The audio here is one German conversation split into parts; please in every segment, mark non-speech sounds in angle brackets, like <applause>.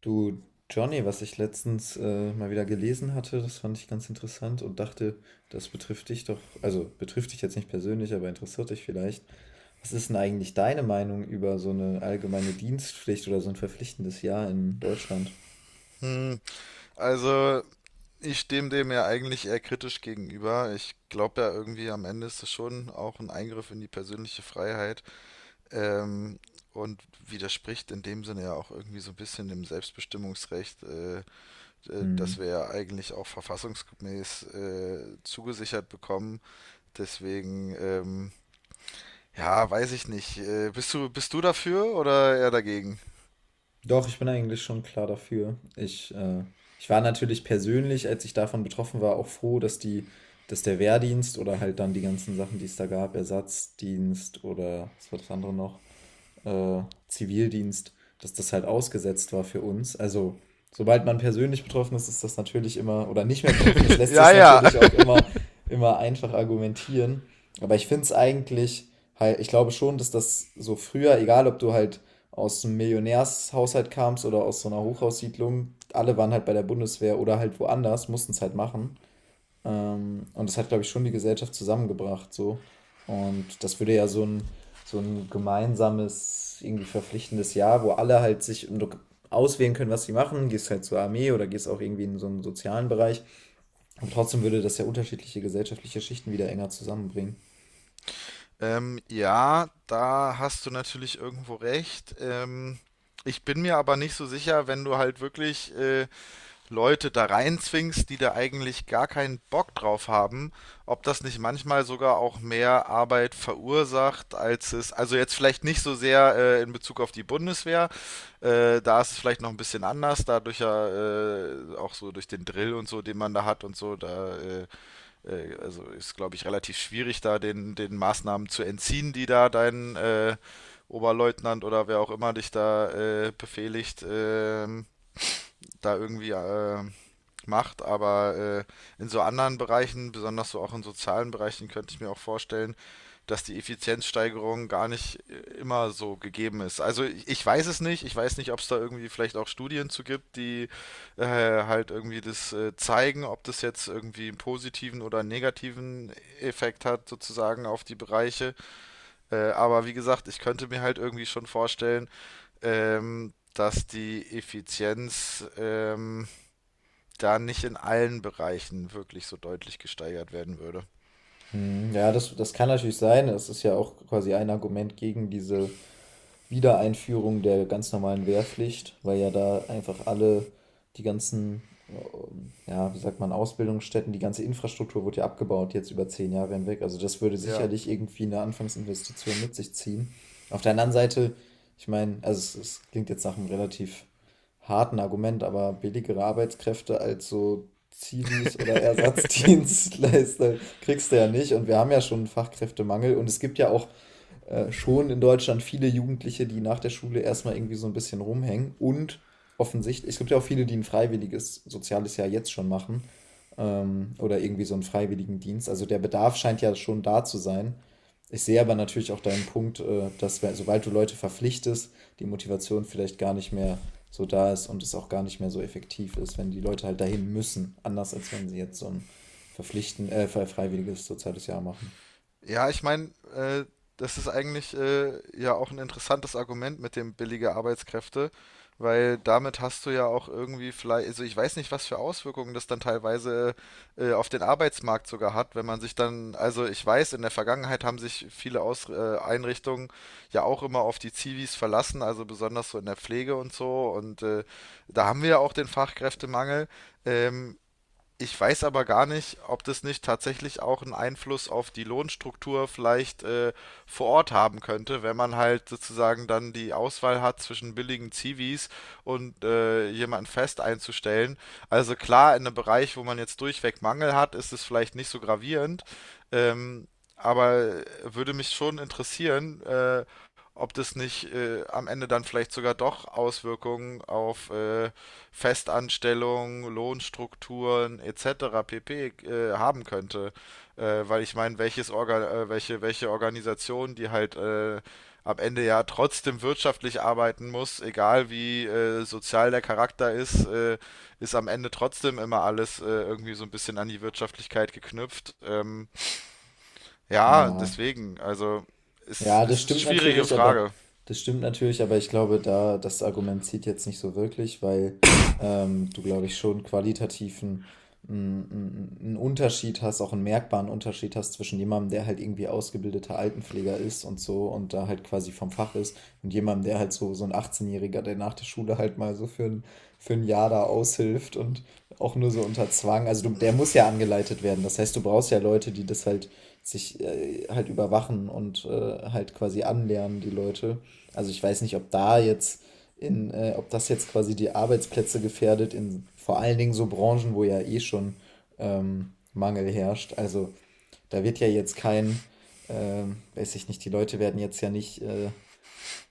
Du, Johnny, was ich letztens mal wieder gelesen hatte, das fand ich ganz interessant und dachte, das betrifft dich doch, also betrifft dich jetzt nicht persönlich, aber interessiert dich vielleicht. Was ist denn eigentlich deine Meinung über so eine allgemeine Dienstpflicht oder so ein verpflichtendes Jahr in Deutschland? Hm, also ich stehe dem ja eigentlich eher kritisch gegenüber. Ich glaube ja irgendwie am Ende ist es schon auch ein Eingriff in die persönliche Freiheit ähm, und widerspricht in dem Sinne ja auch irgendwie so ein bisschen dem Selbstbestimmungsrecht, das Hm. wir ja eigentlich auch verfassungsgemäß zugesichert bekommen. Deswegen, ja, weiß ich nicht. Bist du dafür oder eher dagegen? <laughs> Doch, ich bin eigentlich schon klar dafür. Ich, ich war natürlich persönlich, als ich davon betroffen war, auch froh, dass der Wehrdienst oder halt dann die ganzen Sachen, die es da gab, Ersatzdienst oder was war das andere noch? äh, Zivildienst, dass das halt ausgesetzt war für uns. Also sobald man persönlich betroffen ist, ist das natürlich immer, oder nicht mehr betroffen ist, lässt sich Ja, es ja. natürlich auch <laughs> immer einfach argumentieren. Aber ich finde es eigentlich, halt, ich glaube schon, dass das so früher, egal ob du halt aus einem Millionärshaushalt kamst oder aus so einer Hochhaussiedlung, alle waren halt bei der Bundeswehr oder halt woanders, mussten es halt machen. Und das hat, glaube ich, schon die Gesellschaft zusammengebracht, so. Und das würde ja so ein gemeinsames, irgendwie verpflichtendes Jahr, wo alle halt sich auswählen können, was sie machen. Gehst halt zur Armee oder gehst auch irgendwie in so einen sozialen Bereich. Und trotzdem würde das ja unterschiedliche gesellschaftliche Schichten wieder enger zusammenbringen. Ja, da hast du natürlich irgendwo recht. Ich bin mir aber nicht so sicher, wenn du halt wirklich Leute da reinzwingst, die da eigentlich gar keinen Bock drauf haben, ob das nicht manchmal sogar auch mehr Arbeit verursacht, als es, also jetzt vielleicht nicht so sehr in Bezug auf die Bundeswehr, da ist es vielleicht noch ein bisschen anders, dadurch ja auch so durch den Drill und so, den man da hat und so, da also ist, glaube ich, relativ schwierig, den Maßnahmen zu entziehen, die da dein Oberleutnant oder wer auch immer dich da befehligt. Da irgendwie macht, aber in so anderen Bereichen, besonders so auch in sozialen Bereichen, könnte ich mir auch vorstellen, dass die Effizienzsteigerung gar nicht immer so gegeben ist. Also ich weiß es nicht, ich weiß nicht, ob es da irgendwie vielleicht auch Studien zu gibt, die halt irgendwie das zeigen, ob das jetzt irgendwie einen positiven oder einen negativen Effekt hat sozusagen auf die Bereiche. Aber wie gesagt, ich könnte mir halt irgendwie schon vorstellen, dass die Effizienz da nicht in allen Bereichen wirklich so deutlich gesteigert werden würde. Hm. Ja, das kann natürlich sein. Das ist ja auch quasi ein Argument gegen diese Wiedereinführung der ganz normalen Wehrpflicht, weil ja da einfach alle die ganzen, ja, wie sagt man, Ausbildungsstätten, die ganze Infrastruktur wurde ja abgebaut jetzt über 10 Jahre hinweg. Also das würde Ja. sicherlich irgendwie eine Anfangsinvestition mit sich ziehen. Auf der anderen Seite, ich meine, es klingt jetzt nach einem relativ harten Argument, aber billigere Arbeitskräfte als so Zivis oder Ersatzdienstleister <laughs> kriegst du ja nicht. Und wir haben ja schon einen Fachkräftemangel und es gibt ja auch schon in Deutschland viele Jugendliche, die nach der Schule erstmal irgendwie so ein bisschen rumhängen und offensichtlich, es gibt ja auch viele, die ein freiwilliges soziales Jahr jetzt schon machen, oder irgendwie so einen freiwilligen Dienst. Also der Bedarf scheint ja schon da zu sein. Ich sehe aber natürlich auch deinen Punkt, dass sobald du Leute verpflichtest, die Motivation vielleicht gar nicht mehr so da ist und es auch gar nicht mehr so effektiv ist, wenn die Leute halt dahin müssen, anders als wenn sie jetzt so ein freiwilliges soziales Jahr machen. Ja, ich meine, das ist eigentlich ja auch ein interessantes Argument mit dem billige Arbeitskräfte, weil damit hast du ja auch irgendwie vielleicht, also ich weiß nicht, was für Auswirkungen das dann teilweise auf den Arbeitsmarkt sogar hat, wenn man sich dann, also ich weiß, in der Vergangenheit haben sich viele Aus Einrichtungen ja auch immer auf die Zivis verlassen, also besonders so in der Pflege und so, und da haben wir ja auch den Fachkräftemangel. Ähm, Ich weiß aber gar nicht, ob das nicht tatsächlich auch einen Einfluss auf die Lohnstruktur vielleicht vor Ort haben könnte, wenn man halt sozusagen dann die Auswahl hat zwischen billigen Zivis und jemanden fest einzustellen. Also klar, in einem Bereich, wo man jetzt durchweg Mangel hat, ist es vielleicht nicht so gravierend, ähm, aber würde mich schon interessieren, ob das nicht am Ende dann vielleicht sogar doch Auswirkungen auf Festanstellung, Lohnstrukturen etc. pp. Haben könnte. Weil ich meine, welche Organisation, die halt am Ende ja trotzdem wirtschaftlich arbeiten muss, egal wie sozial der Charakter ist, ist am Ende trotzdem immer alles irgendwie so ein bisschen an die Wirtschaftlichkeit geknüpft. Ähm, ja, Ja. deswegen, also es ist Ja, das ist eine stimmt schwierige natürlich, Frage. Aber ich glaube, da das Argument zieht jetzt nicht so wirklich, weil du, glaube ich, schon qualitativen einen Unterschied hast, auch einen merkbaren Unterschied hast zwischen jemandem, der halt irgendwie ausgebildeter Altenpfleger ist und so und da halt quasi vom Fach ist und jemandem, der halt so ein 18-Jähriger, der nach der Schule halt mal so für ein Jahr da aushilft und auch nur so unter Zwang. Also du, der muss ja angeleitet werden. Das heißt, du brauchst ja Leute, die das halt sich halt überwachen und halt quasi anlernen, die Leute. Also ich weiß nicht, ob da jetzt ob das jetzt quasi die Arbeitsplätze gefährdet, in vor allen Dingen so Branchen, wo ja eh schon Mangel herrscht. Also da wird ja jetzt kein, weiß ich nicht, die Leute werden jetzt ja nicht,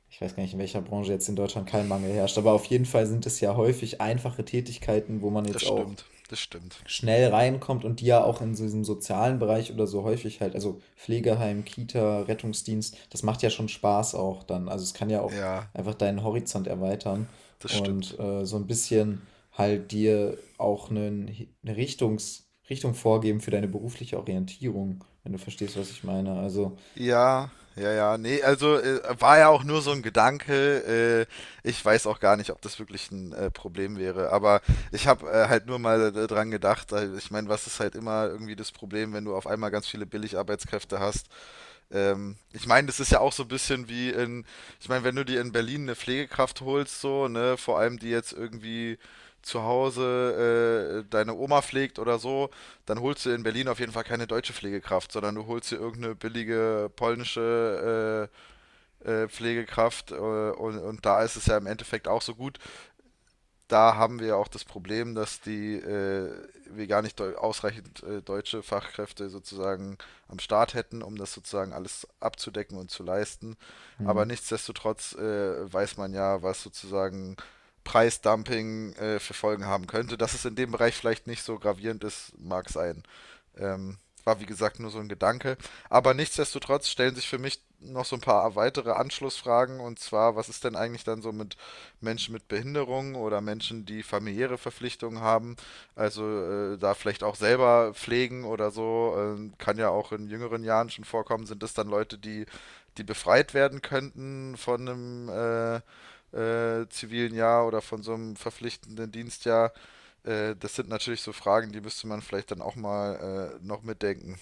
ich weiß gar nicht, in welcher Branche jetzt in Deutschland kein Mangel herrscht, aber auf jeden Fall sind es ja häufig einfache Tätigkeiten, wo man Das jetzt auch stimmt, das stimmt. schnell reinkommt und die ja auch in so diesem sozialen Bereich oder so häufig halt, also Pflegeheim, Kita, Rettungsdienst, das macht ja schon Spaß auch dann. Also es kann ja auch Ja, einfach deinen Horizont erweitern das und stimmt. So ein bisschen halt dir auch eine Richtung vorgeben für deine berufliche Orientierung, wenn du verstehst, was ich meine. Also, Ja, ja, nee, also war ja auch nur so ein Gedanke. Ich weiß auch gar nicht, ob das wirklich ein Problem wäre, aber ich habe halt nur mal dran gedacht. Ich meine, was ist halt immer irgendwie das Problem, wenn du auf einmal ganz viele Billigarbeitskräfte hast? Ich meine, das ist ja auch so ein bisschen wie, ich meine, wenn du dir in Berlin eine Pflegekraft holst, so, ne, vor allem die jetzt irgendwie zu Hause deine Oma pflegt oder so, dann holst du in Berlin auf jeden Fall keine deutsche Pflegekraft, sondern du holst dir irgendeine billige polnische Pflegekraft und da ist es ja im Endeffekt auch so gut, da haben wir ja auch das Problem, dass die wir gar nicht ausreichend deutsche Fachkräfte sozusagen am Start hätten, um das sozusagen alles abzudecken und zu leisten. Aber hm. nichtsdestotrotz weiß man ja, was sozusagen Preisdumping für Folgen haben könnte. Dass es in dem Bereich vielleicht nicht so gravierend ist, mag sein. Ähm, war wie gesagt nur so ein Gedanke. Aber nichtsdestotrotz stellen sich für mich noch so ein paar weitere Anschlussfragen. Und zwar, was ist denn eigentlich dann so mit Menschen mit Behinderung oder Menschen, die familiäre Verpflichtungen haben, also da vielleicht auch selber pflegen oder so, kann ja auch in jüngeren Jahren schon vorkommen, sind das dann Leute, die befreit werden könnten von einem zivilen Jahr oder von so einem verpflichtenden Dienstjahr. Das sind natürlich so Fragen, die müsste man vielleicht dann auch mal noch mitdenken.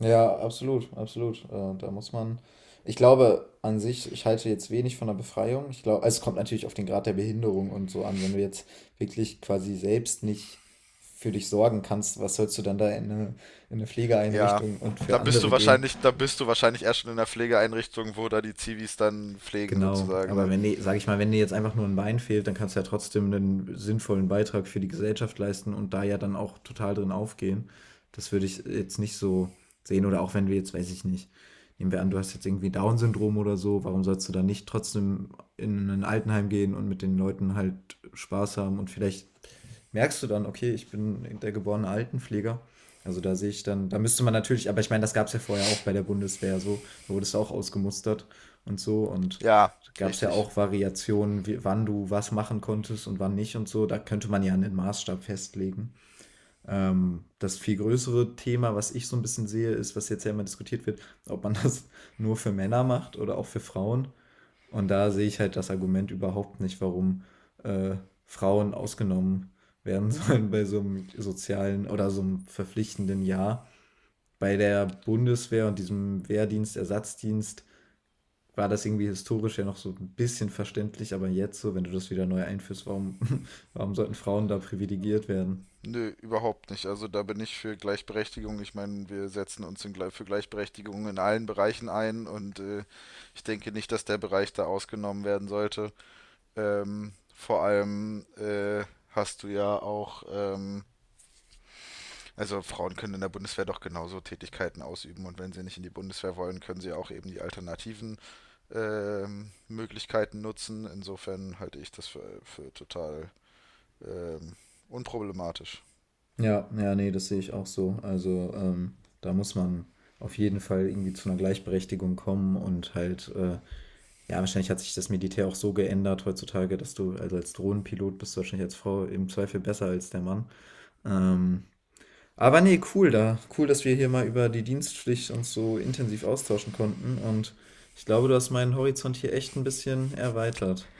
Ja, absolut, absolut. Da muss man, ich glaube an sich, ich halte jetzt wenig von der Befreiung. Ich glaube, also es kommt natürlich auf den Grad der Behinderung und so an. Wenn du jetzt wirklich quasi selbst nicht für dich sorgen kannst, was sollst du dann da in eine Ja. Pflegeeinrichtung und für Da bist du andere gehen? wahrscheinlich, da bist du wahrscheinlich erst schon in einer Pflegeeinrichtung, wo da die Zivis dann pflegen Genau, sozusagen, aber ne? wenn dir, sag ich mal, wenn dir jetzt einfach nur ein Bein fehlt, dann kannst du ja trotzdem einen sinnvollen Beitrag für die Gesellschaft leisten und da ja dann auch total drin aufgehen. Das würde ich jetzt nicht so sehen. Oder auch wenn wir jetzt, weiß ich nicht, nehmen wir an, du hast jetzt irgendwie Down-Syndrom oder so, warum sollst du dann nicht trotzdem in ein Altenheim gehen und mit den Leuten halt Spaß haben? Und vielleicht merkst du dann, okay, ich bin der geborene Altenpfleger. Also da sehe ich dann, da müsste man natürlich, aber ich meine, das gab es ja vorher auch bei der Bundeswehr so, da wurdest du auch ausgemustert und so und Ja, gab es ja richtig. auch Variationen, w wann du was machen konntest und wann nicht und so. Da könnte man ja einen Maßstab festlegen. Das viel größere Thema, was ich so ein bisschen sehe, ist, was jetzt ja immer diskutiert wird, ob man <laughs> das nur für Männer macht oder auch für Frauen. Und da sehe ich halt das Argument überhaupt nicht, äh, Frauen ausgenommen werden <laughs> sollen bei so einem sozialen oder so einem verpflichtenden Jahr. Bei der Bundeswehr und diesem Wehrdienst, Ersatzdienst war das irgendwie historisch ja noch so ein bisschen verständlich, aber jetzt so, wenn du das wieder neu einführst, <laughs> warum sollten Frauen da privilegiert werden? Nö, überhaupt nicht. Also da bin ich für Gleichberechtigung. Ich meine, wir setzen uns für Gleichberechtigung in allen Bereichen ein und ich denke nicht, dass der Bereich da ausgenommen werden sollte. Vor allem hast du ja auch, also Frauen können in der Bundeswehr doch genauso Tätigkeiten ausüben und wenn sie nicht in die Bundeswehr wollen, können sie auch eben die alternativen Möglichkeiten nutzen. Insofern halte ich das für total ähm, unproblematisch. Ja, ja, nee, das sehe ich auch so. Also da muss man auf jeden Fall irgendwie zu einer Gleichberechtigung kommen und ja, wahrscheinlich hat sich das Militär auch so geändert heutzutage, dass du also als Drohnenpilot bist du wahrscheinlich als Frau im Zweifel besser als der Mann. Ähm, Aber nee, cool da. Cool, dass wir hier mal über die Dienstpflicht uns so intensiv austauschen konnten. Und ich glaube, du hast meinen Horizont hier echt ein bisschen erweitert.